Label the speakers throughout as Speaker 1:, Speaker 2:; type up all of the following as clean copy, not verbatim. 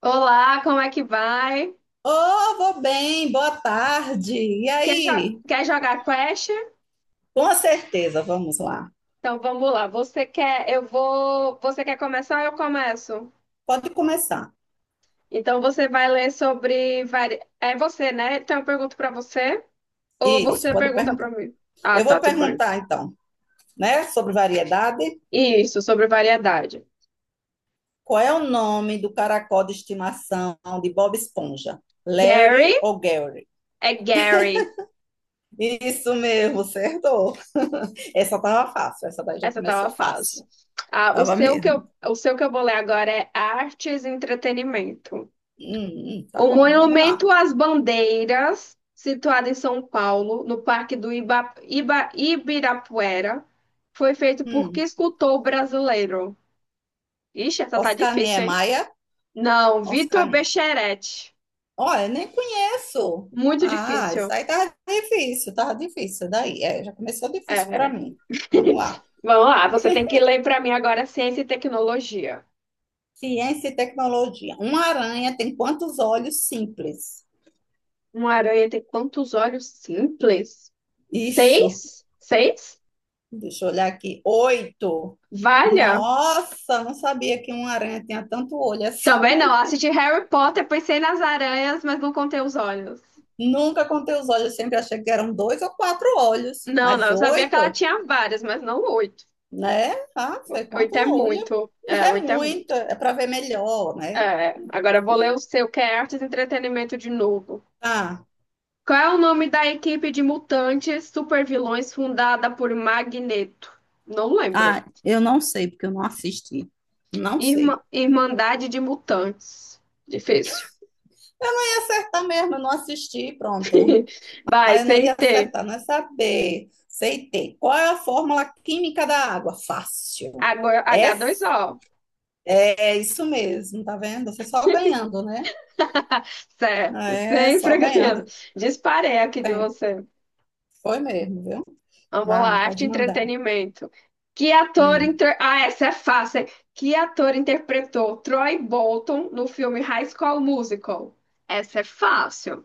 Speaker 1: Olá, como é que vai?
Speaker 2: Oh, vou bem, boa tarde. E
Speaker 1: Quer, jo-
Speaker 2: aí?
Speaker 1: quer jogar Clash?
Speaker 2: Com certeza, vamos lá.
Speaker 1: Então vamos lá. Você quer, eu vou. Você quer começar? Eu começo.
Speaker 2: Pode começar.
Speaker 1: Então você vai ler sobre. É você, né? Então eu pergunto pra você ou
Speaker 2: Isso,
Speaker 1: você
Speaker 2: pode
Speaker 1: pergunta
Speaker 2: perguntar.
Speaker 1: pra mim? Ah,
Speaker 2: Eu vou
Speaker 1: tá, tudo bem.
Speaker 2: perguntar então, né, sobre variedade.
Speaker 1: Isso, sobre variedade.
Speaker 2: Qual é o nome do caracol de estimação de Bob Esponja?
Speaker 1: Gary
Speaker 2: Larry ou Gary?
Speaker 1: é Gary.
Speaker 2: Isso mesmo, acertou. Essa tava fácil, essa daí já
Speaker 1: Essa tava
Speaker 2: começou
Speaker 1: fácil.
Speaker 2: fácil.
Speaker 1: Ah, o
Speaker 2: Tava
Speaker 1: seu que eu,
Speaker 2: mesmo.
Speaker 1: o seu que eu vou ler agora é artes e entretenimento.
Speaker 2: Tá
Speaker 1: O
Speaker 2: bom, vamos lá.
Speaker 1: Monumento às Bandeiras, situado em São Paulo, no Parque do Ibirapuera, foi feito por que
Speaker 2: Hum.
Speaker 1: escultor brasileiro? Ixi, essa tá
Speaker 2: Oscar
Speaker 1: difícil, hein?
Speaker 2: Niemeyer,
Speaker 1: Não, Vitor
Speaker 2: Oscar
Speaker 1: Becheretti.
Speaker 2: Olha, nem conheço.
Speaker 1: Muito
Speaker 2: Ah, isso
Speaker 1: difícil.
Speaker 2: aí tava difícil, tava difícil. Daí, é, já começou difícil para
Speaker 1: É.
Speaker 2: mim. Vamos lá.
Speaker 1: Vamos lá, você tem que ler para mim agora ciência e tecnologia.
Speaker 2: Ciência e tecnologia. Uma aranha tem quantos olhos simples?
Speaker 1: Uma aranha tem quantos olhos simples?
Speaker 2: Isso.
Speaker 1: Seis? Seis?
Speaker 2: Deixa eu olhar aqui. Oito.
Speaker 1: Valha!
Speaker 2: Nossa, não sabia que uma aranha tinha tanto olho assim.
Speaker 1: Também não, assisti Harry Potter, pensei nas aranhas, mas não contei os olhos.
Speaker 2: Nunca contei os olhos, sempre achei que eram dois ou quatro olhos,
Speaker 1: Não, não,
Speaker 2: mas
Speaker 1: eu sabia que ela
Speaker 2: oito,
Speaker 1: tinha várias, mas não oito.
Speaker 2: né? Ah,
Speaker 1: O-
Speaker 2: foi quanto
Speaker 1: Oito é
Speaker 2: olho?
Speaker 1: muito. É,
Speaker 2: É
Speaker 1: oito é
Speaker 2: muito,
Speaker 1: muito.
Speaker 2: é para ver melhor, né?
Speaker 1: É, agora eu vou ler o seu, que é Artes e Entretenimento de novo.
Speaker 2: Ah.
Speaker 1: Qual é o nome da equipe de mutantes supervilões fundada por Magneto? Não lembro.
Speaker 2: Ah, eu não sei, porque eu não assisti. Não sei.
Speaker 1: Irmandade de Mutantes. Difícil.
Speaker 2: Eu ia acertar mesmo, eu não assisti, pronto.
Speaker 1: Vai,
Speaker 2: Ah, eu não ia
Speaker 1: CT.
Speaker 2: acertar, não é saber. Sei ter. Qual é a fórmula química da água? Fácil.
Speaker 1: Agora
Speaker 2: É,
Speaker 1: H2O.
Speaker 2: é isso mesmo, tá vendo? Você só ganhando, né?
Speaker 1: Certo,
Speaker 2: É, só
Speaker 1: sempre ganhando.
Speaker 2: ganhando
Speaker 1: Disparei aqui de
Speaker 2: tempo.
Speaker 1: você.
Speaker 2: Foi mesmo, viu?
Speaker 1: Vamos lá,
Speaker 2: Vá,
Speaker 1: arte e
Speaker 2: pode mandar.
Speaker 1: entretenimento.
Speaker 2: Hum.
Speaker 1: Ah, essa é fácil, hein? Que ator interpretou Troy Bolton no filme High School Musical? Essa é fácil.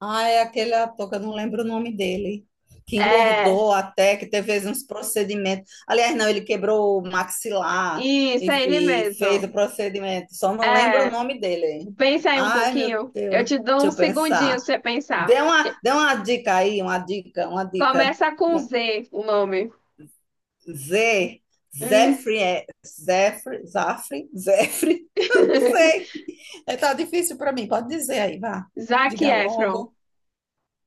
Speaker 2: Ah, é aquele ator que eu não lembro o nome dele, que
Speaker 1: É,
Speaker 2: engordou até, que teve uns procedimentos. Aliás, não, ele quebrou o maxilar
Speaker 1: isso, é ele
Speaker 2: e fez o
Speaker 1: mesmo.
Speaker 2: procedimento, só não lembro o
Speaker 1: É,
Speaker 2: nome dele.
Speaker 1: pensa aí um
Speaker 2: Ai, meu
Speaker 1: pouquinho. Eu
Speaker 2: Deus,
Speaker 1: te dou
Speaker 2: deixa
Speaker 1: um
Speaker 2: eu
Speaker 1: segundinho pra
Speaker 2: pensar.
Speaker 1: você
Speaker 2: Dê
Speaker 1: pensar.
Speaker 2: uma, dê uma dica aí, uma dica, uma dica.
Speaker 1: Começa com Z o nome.
Speaker 2: Z,
Speaker 1: Hum.
Speaker 2: Zefre, Zafre, Zefre, eu não sei. É, tá difícil para mim, pode dizer aí, vá,
Speaker 1: Zac
Speaker 2: diga
Speaker 1: Efron.
Speaker 2: logo.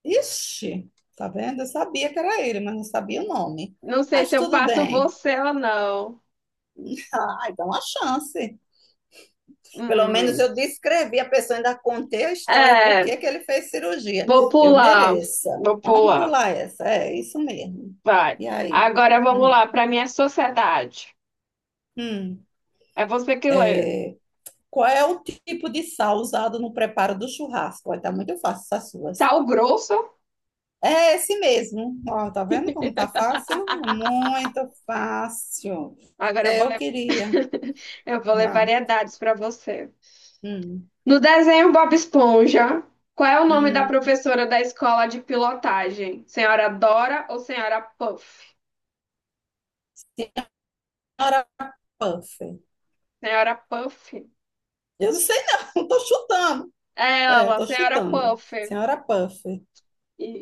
Speaker 2: Ixi, tá vendo? Eu sabia que era ele, mas não sabia o nome.
Speaker 1: Não sei
Speaker 2: Mas
Speaker 1: se eu
Speaker 2: tudo
Speaker 1: passo
Speaker 2: bem.
Speaker 1: você ou não.
Speaker 2: Ai, dá uma chance. Pelo menos
Speaker 1: Hum,
Speaker 2: eu descrevi a pessoa, ainda contei a história, por
Speaker 1: é,
Speaker 2: que que ele fez cirurgia.
Speaker 1: vou
Speaker 2: Eu
Speaker 1: pular,
Speaker 2: mereço.
Speaker 1: vou
Speaker 2: Vamos
Speaker 1: pular,
Speaker 2: pular essa. É isso mesmo.
Speaker 1: vai.
Speaker 2: E aí?
Speaker 1: Agora vamos
Speaker 2: Hum,
Speaker 1: lá para minha sociedade.
Speaker 2: hum.
Speaker 1: É você que lê.
Speaker 2: Qual é o tipo de sal usado no preparo do churrasco? Olha, tá muito fácil essas suas.
Speaker 1: Sal grosso.
Speaker 2: É esse mesmo. Ó, tá vendo como tá fácil? Muito fácil.
Speaker 1: Agora eu
Speaker 2: Até
Speaker 1: vou
Speaker 2: eu
Speaker 1: ler,
Speaker 2: queria.
Speaker 1: eu vou ler
Speaker 2: Vá.
Speaker 1: variedades para você.
Speaker 2: Hum,
Speaker 1: No desenho Bob Esponja, qual é o nome da
Speaker 2: hum,
Speaker 1: professora da escola de pilotagem? Senhora Dora ou Senhora Puff?
Speaker 2: Senhora Puffer.
Speaker 1: Senhora Puff.
Speaker 2: Eu não sei não, tô chutando.
Speaker 1: É
Speaker 2: É,
Speaker 1: ela,
Speaker 2: tô
Speaker 1: Senhora
Speaker 2: chutando.
Speaker 1: Puff.
Speaker 2: Senhora Puffer.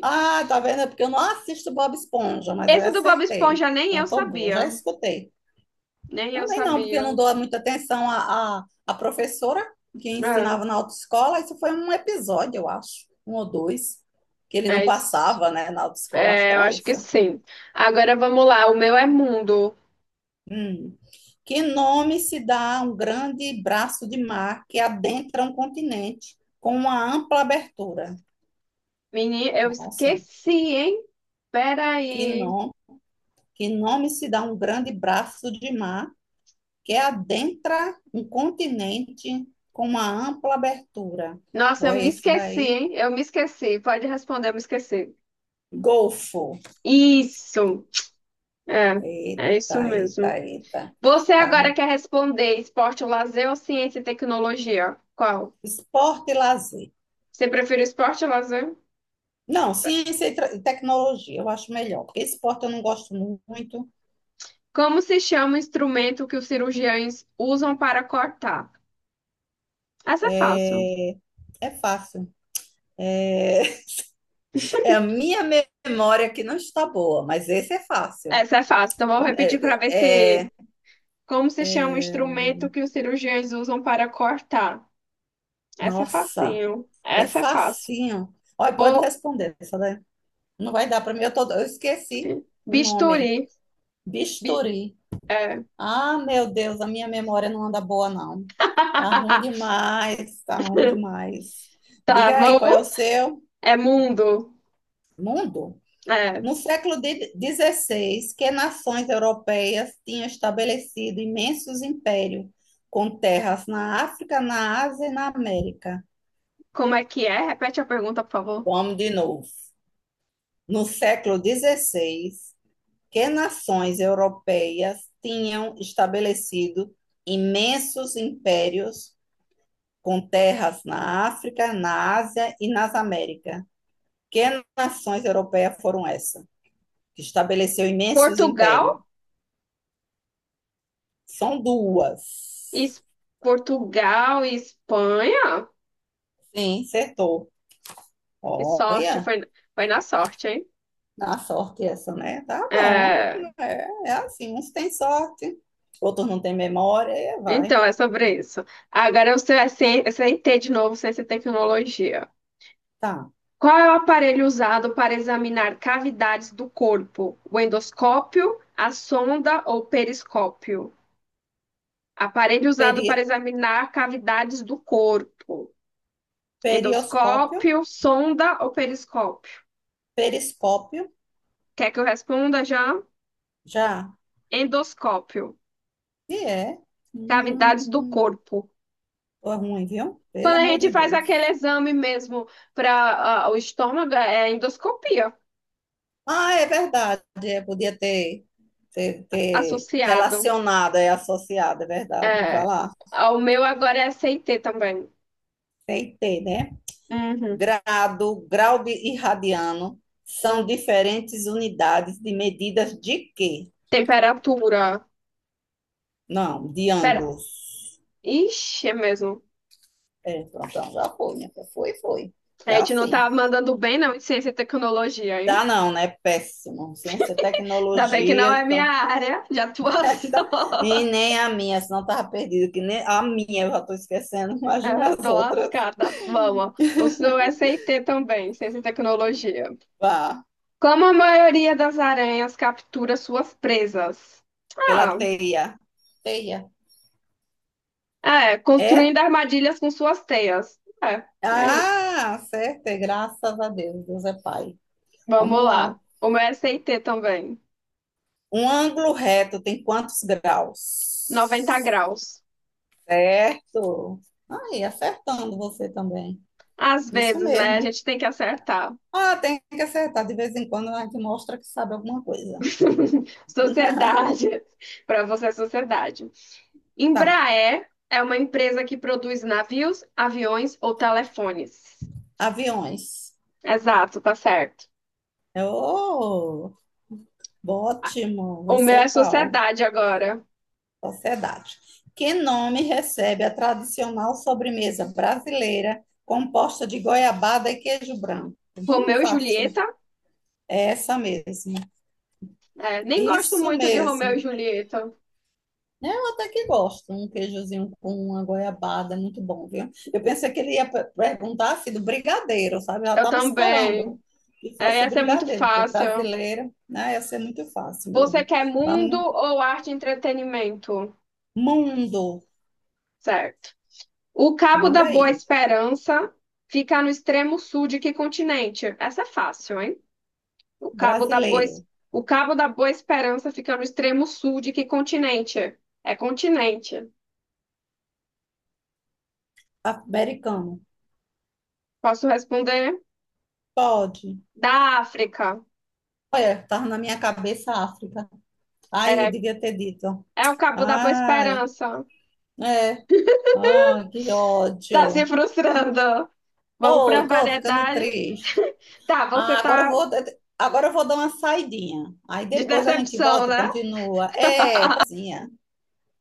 Speaker 2: Ah, tá vendo? É porque eu não assisto Bob Esponja, mas aí
Speaker 1: Esse do Bob
Speaker 2: acertei.
Speaker 1: Esponja nem
Speaker 2: Então
Speaker 1: eu
Speaker 2: eu tô boa,
Speaker 1: sabia.
Speaker 2: já escutei.
Speaker 1: Nem eu
Speaker 2: Também não, porque eu
Speaker 1: sabia.
Speaker 2: não dou muita atenção à professora que
Speaker 1: É.
Speaker 2: ensinava na autoescola. Isso foi um episódio, eu acho, um ou dois, que ele não
Speaker 1: É, isso.
Speaker 2: passava, né, na autoescola, acho que
Speaker 1: É, eu
Speaker 2: era
Speaker 1: acho que
Speaker 2: isso.
Speaker 1: sim. Agora vamos lá, o meu é mundo.
Speaker 2: Hum. Que nome se dá a um grande braço de mar que adentra um continente com uma ampla abertura?
Speaker 1: Menina, eu
Speaker 2: Nossa,
Speaker 1: esqueci, hein?
Speaker 2: que
Speaker 1: Peraí.
Speaker 2: nome, que nome se dá a um grande braço de mar que adentra um continente com uma ampla abertura?
Speaker 1: Nossa,
Speaker 2: Ou
Speaker 1: eu
Speaker 2: é
Speaker 1: me
Speaker 2: esse
Speaker 1: esqueci,
Speaker 2: daí?
Speaker 1: hein? Eu me esqueci. Pode responder, eu me esqueci.
Speaker 2: Golfo.
Speaker 1: Isso. É, é
Speaker 2: Eita,
Speaker 1: isso
Speaker 2: eita,
Speaker 1: mesmo.
Speaker 2: eita.
Speaker 1: Você agora
Speaker 2: Tá.
Speaker 1: quer responder esporte ou lazer ou ciência e tecnologia? Qual?
Speaker 2: Esporte e lazer.
Speaker 1: Você prefere esporte ou lazer?
Speaker 2: Não, ciência e e tecnologia, eu acho melhor, porque esporte eu não gosto muito.
Speaker 1: Como se chama o instrumento que os cirurgiões usam para cortar? Essa é fácil.
Speaker 2: É, é fácil. É, é a minha memória que não está boa, mas esse é fácil.
Speaker 1: Essa é fácil. Então, vou repetir para ver
Speaker 2: É,
Speaker 1: se.
Speaker 2: é-
Speaker 1: Como se chama o instrumento que os cirurgiões usam para cortar? Essa é
Speaker 2: Nossa,
Speaker 1: facinho.
Speaker 2: é
Speaker 1: Essa é fácil.
Speaker 2: facinho. Olha, pode
Speaker 1: Bo...
Speaker 2: responder, essa daí. Não vai dar para mim, eu esqueci o
Speaker 1: Bisturi.
Speaker 2: nome.
Speaker 1: Bi-
Speaker 2: Bisturi.
Speaker 1: é.
Speaker 2: Ah, meu Deus, a minha memória não anda boa, não. Tá ruim demais, tá ruim demais.
Speaker 1: Tá
Speaker 2: Diga aí,
Speaker 1: bom?
Speaker 2: qual é o seu?
Speaker 1: É mundo.
Speaker 2: Mundo?
Speaker 1: É.
Speaker 2: No século 16, que nações europeias tinham estabelecido imensos impérios, com terras na África, na Ásia e na América.
Speaker 1: Como é que é? Repete a pergunta, por favor.
Speaker 2: Vamos de novo. No século dezesseis, que nações europeias tinham estabelecido imensos impérios, com terras na África, na Ásia e nas Américas. Que nações europeias foram essas? Que estabeleceu imensos impérios?
Speaker 1: Portugal?
Speaker 2: São duas.
Speaker 1: Es... Portugal e Espanha?
Speaker 2: Sim, acertou.
Speaker 1: Que sorte.
Speaker 2: Olha,
Speaker 1: Foi, foi na sorte, hein?
Speaker 2: dá sorte essa, né? Tá bom.
Speaker 1: É,
Speaker 2: É, é assim, uns têm sorte, outros não têm memória, e vai.
Speaker 1: então, é sobre isso. Agora eu sei ter de novo ciência e tecnologia.
Speaker 2: Tá.
Speaker 1: Qual é o aparelho usado para examinar cavidades do corpo? O endoscópio, a sonda ou periscópio? Aparelho usado para
Speaker 2: Peri,
Speaker 1: examinar cavidades do corpo.
Speaker 2: perioscópio,
Speaker 1: Endoscópio, sonda ou periscópio?
Speaker 2: periscópio,
Speaker 1: Quer que eu responda já?
Speaker 2: já.
Speaker 1: Endoscópio,
Speaker 2: E é. Hum,
Speaker 1: cavidades do corpo.
Speaker 2: foi ruim, viu? Pelo
Speaker 1: Quando a
Speaker 2: amor
Speaker 1: gente
Speaker 2: de
Speaker 1: faz
Speaker 2: Deus.
Speaker 1: aquele exame mesmo para o estômago, é endoscopia
Speaker 2: Ah, é verdade, é, podia ter
Speaker 1: associado.
Speaker 2: relacionado, é associado, é verdade. Vai
Speaker 1: É,
Speaker 2: lá.
Speaker 1: o meu agora é CT também.
Speaker 2: Tem que ter, né?
Speaker 1: Uhum.
Speaker 2: Grau de- e radiano são diferentes unidades de medidas de quê?
Speaker 1: Temperatura.
Speaker 2: Não, de
Speaker 1: Pera.
Speaker 2: ângulos.
Speaker 1: Ixi, é mesmo.
Speaker 2: É, pronto, então já foi, minha filha. Foi, foi.
Speaker 1: A
Speaker 2: É
Speaker 1: gente não
Speaker 2: assim.
Speaker 1: tá mandando bem, não, em ciência e tecnologia, hein?
Speaker 2: Dá não, né? Péssimo. Ciência,
Speaker 1: Ainda bem que não
Speaker 2: tecnologia,
Speaker 1: é minha
Speaker 2: então...
Speaker 1: área de atuação.
Speaker 2: E nem a minha, senão tava perdido, que nem a minha eu já tô esquecendo, imagina
Speaker 1: É,
Speaker 2: as
Speaker 1: tô
Speaker 2: outras.
Speaker 1: lascada. Vamos. O seu SIT também, ciência e tecnologia.
Speaker 2: Vá,
Speaker 1: Como a maioria das aranhas captura suas presas?
Speaker 2: pela
Speaker 1: Ah,
Speaker 2: teia. Teia.
Speaker 1: é,
Speaker 2: É?
Speaker 1: construindo armadilhas com suas teias. É, é isso.
Speaker 2: Ah, certo, é, graças a Deus, Deus é Pai.
Speaker 1: Vamos
Speaker 2: Vamos
Speaker 1: lá.
Speaker 2: lá.
Speaker 1: O meu SIT também.
Speaker 2: Um ângulo reto tem quantos
Speaker 1: noventa
Speaker 2: graus?
Speaker 1: graus.
Speaker 2: Certo. Aí, acertando você também.
Speaker 1: Às
Speaker 2: Isso
Speaker 1: vezes, né? A
Speaker 2: mesmo.
Speaker 1: gente tem que acertar.
Speaker 2: Ah, tem que acertar. De vez em quando a gente mostra que sabe alguma coisa.
Speaker 1: Sociedade. Para você, é sociedade.
Speaker 2: Tá.
Speaker 1: Embraer é uma empresa que produz navios, aviões ou telefones.
Speaker 2: Aviões.
Speaker 1: Exato, tá certo.
Speaker 2: Oh, ótimo.
Speaker 1: O
Speaker 2: Você
Speaker 1: meu é
Speaker 2: é qual?
Speaker 1: sociedade agora.
Speaker 2: Sociedade. Que nome recebe a tradicional sobremesa brasileira composta de goiabada e queijo branco?
Speaker 1: Romeu e
Speaker 2: Fácil.
Speaker 1: Julieta.
Speaker 2: É essa mesmo.
Speaker 1: É, nem gosto
Speaker 2: Isso
Speaker 1: muito de Romeu e
Speaker 2: mesmo,
Speaker 1: Julieta.
Speaker 2: né? Eu até que gosto, um queijozinho com uma goiabada, é muito bom, viu? Eu pensei que ele ia perguntar assim, do brigadeiro, sabe? Eu já
Speaker 1: Eu
Speaker 2: estava
Speaker 1: também.
Speaker 2: esperando que
Speaker 1: É,
Speaker 2: fosse
Speaker 1: essa é muito
Speaker 2: brigadeiro, porque o
Speaker 1: fácil.
Speaker 2: brasileiro, né, ia ser muito fácil
Speaker 1: Você
Speaker 2: mesmo.
Speaker 1: quer mundo
Speaker 2: Vamos,
Speaker 1: ou arte e entretenimento?
Speaker 2: mundo,
Speaker 1: Certo. O Cabo da
Speaker 2: manda
Speaker 1: Boa
Speaker 2: aí.
Speaker 1: Esperança fica no extremo sul de que continente? Essa é fácil, hein? O Cabo da Boa, Es-
Speaker 2: Brasileiro,
Speaker 1: o Cabo da Boa Esperança fica no extremo sul de que continente? É continente.
Speaker 2: americano,
Speaker 1: Posso responder?
Speaker 2: pode.
Speaker 1: Da África.
Speaker 2: Olha, estava na minha cabeça a África. Ai, eu
Speaker 1: É,
Speaker 2: devia ter dito.
Speaker 1: é o Cabo da Boa
Speaker 2: Ai,
Speaker 1: Esperança.
Speaker 2: é, ai, que
Speaker 1: Tá se
Speaker 2: ódio.
Speaker 1: frustrando. Vamos para
Speaker 2: Tô ficando
Speaker 1: variedade.
Speaker 2: triste.
Speaker 1: Tá, você
Speaker 2: Ah,
Speaker 1: tá
Speaker 2: agora eu vou dar uma saidinha. Aí
Speaker 1: de
Speaker 2: depois a gente
Speaker 1: decepção,
Speaker 2: volta e
Speaker 1: né?
Speaker 2: continua. É, prazinha.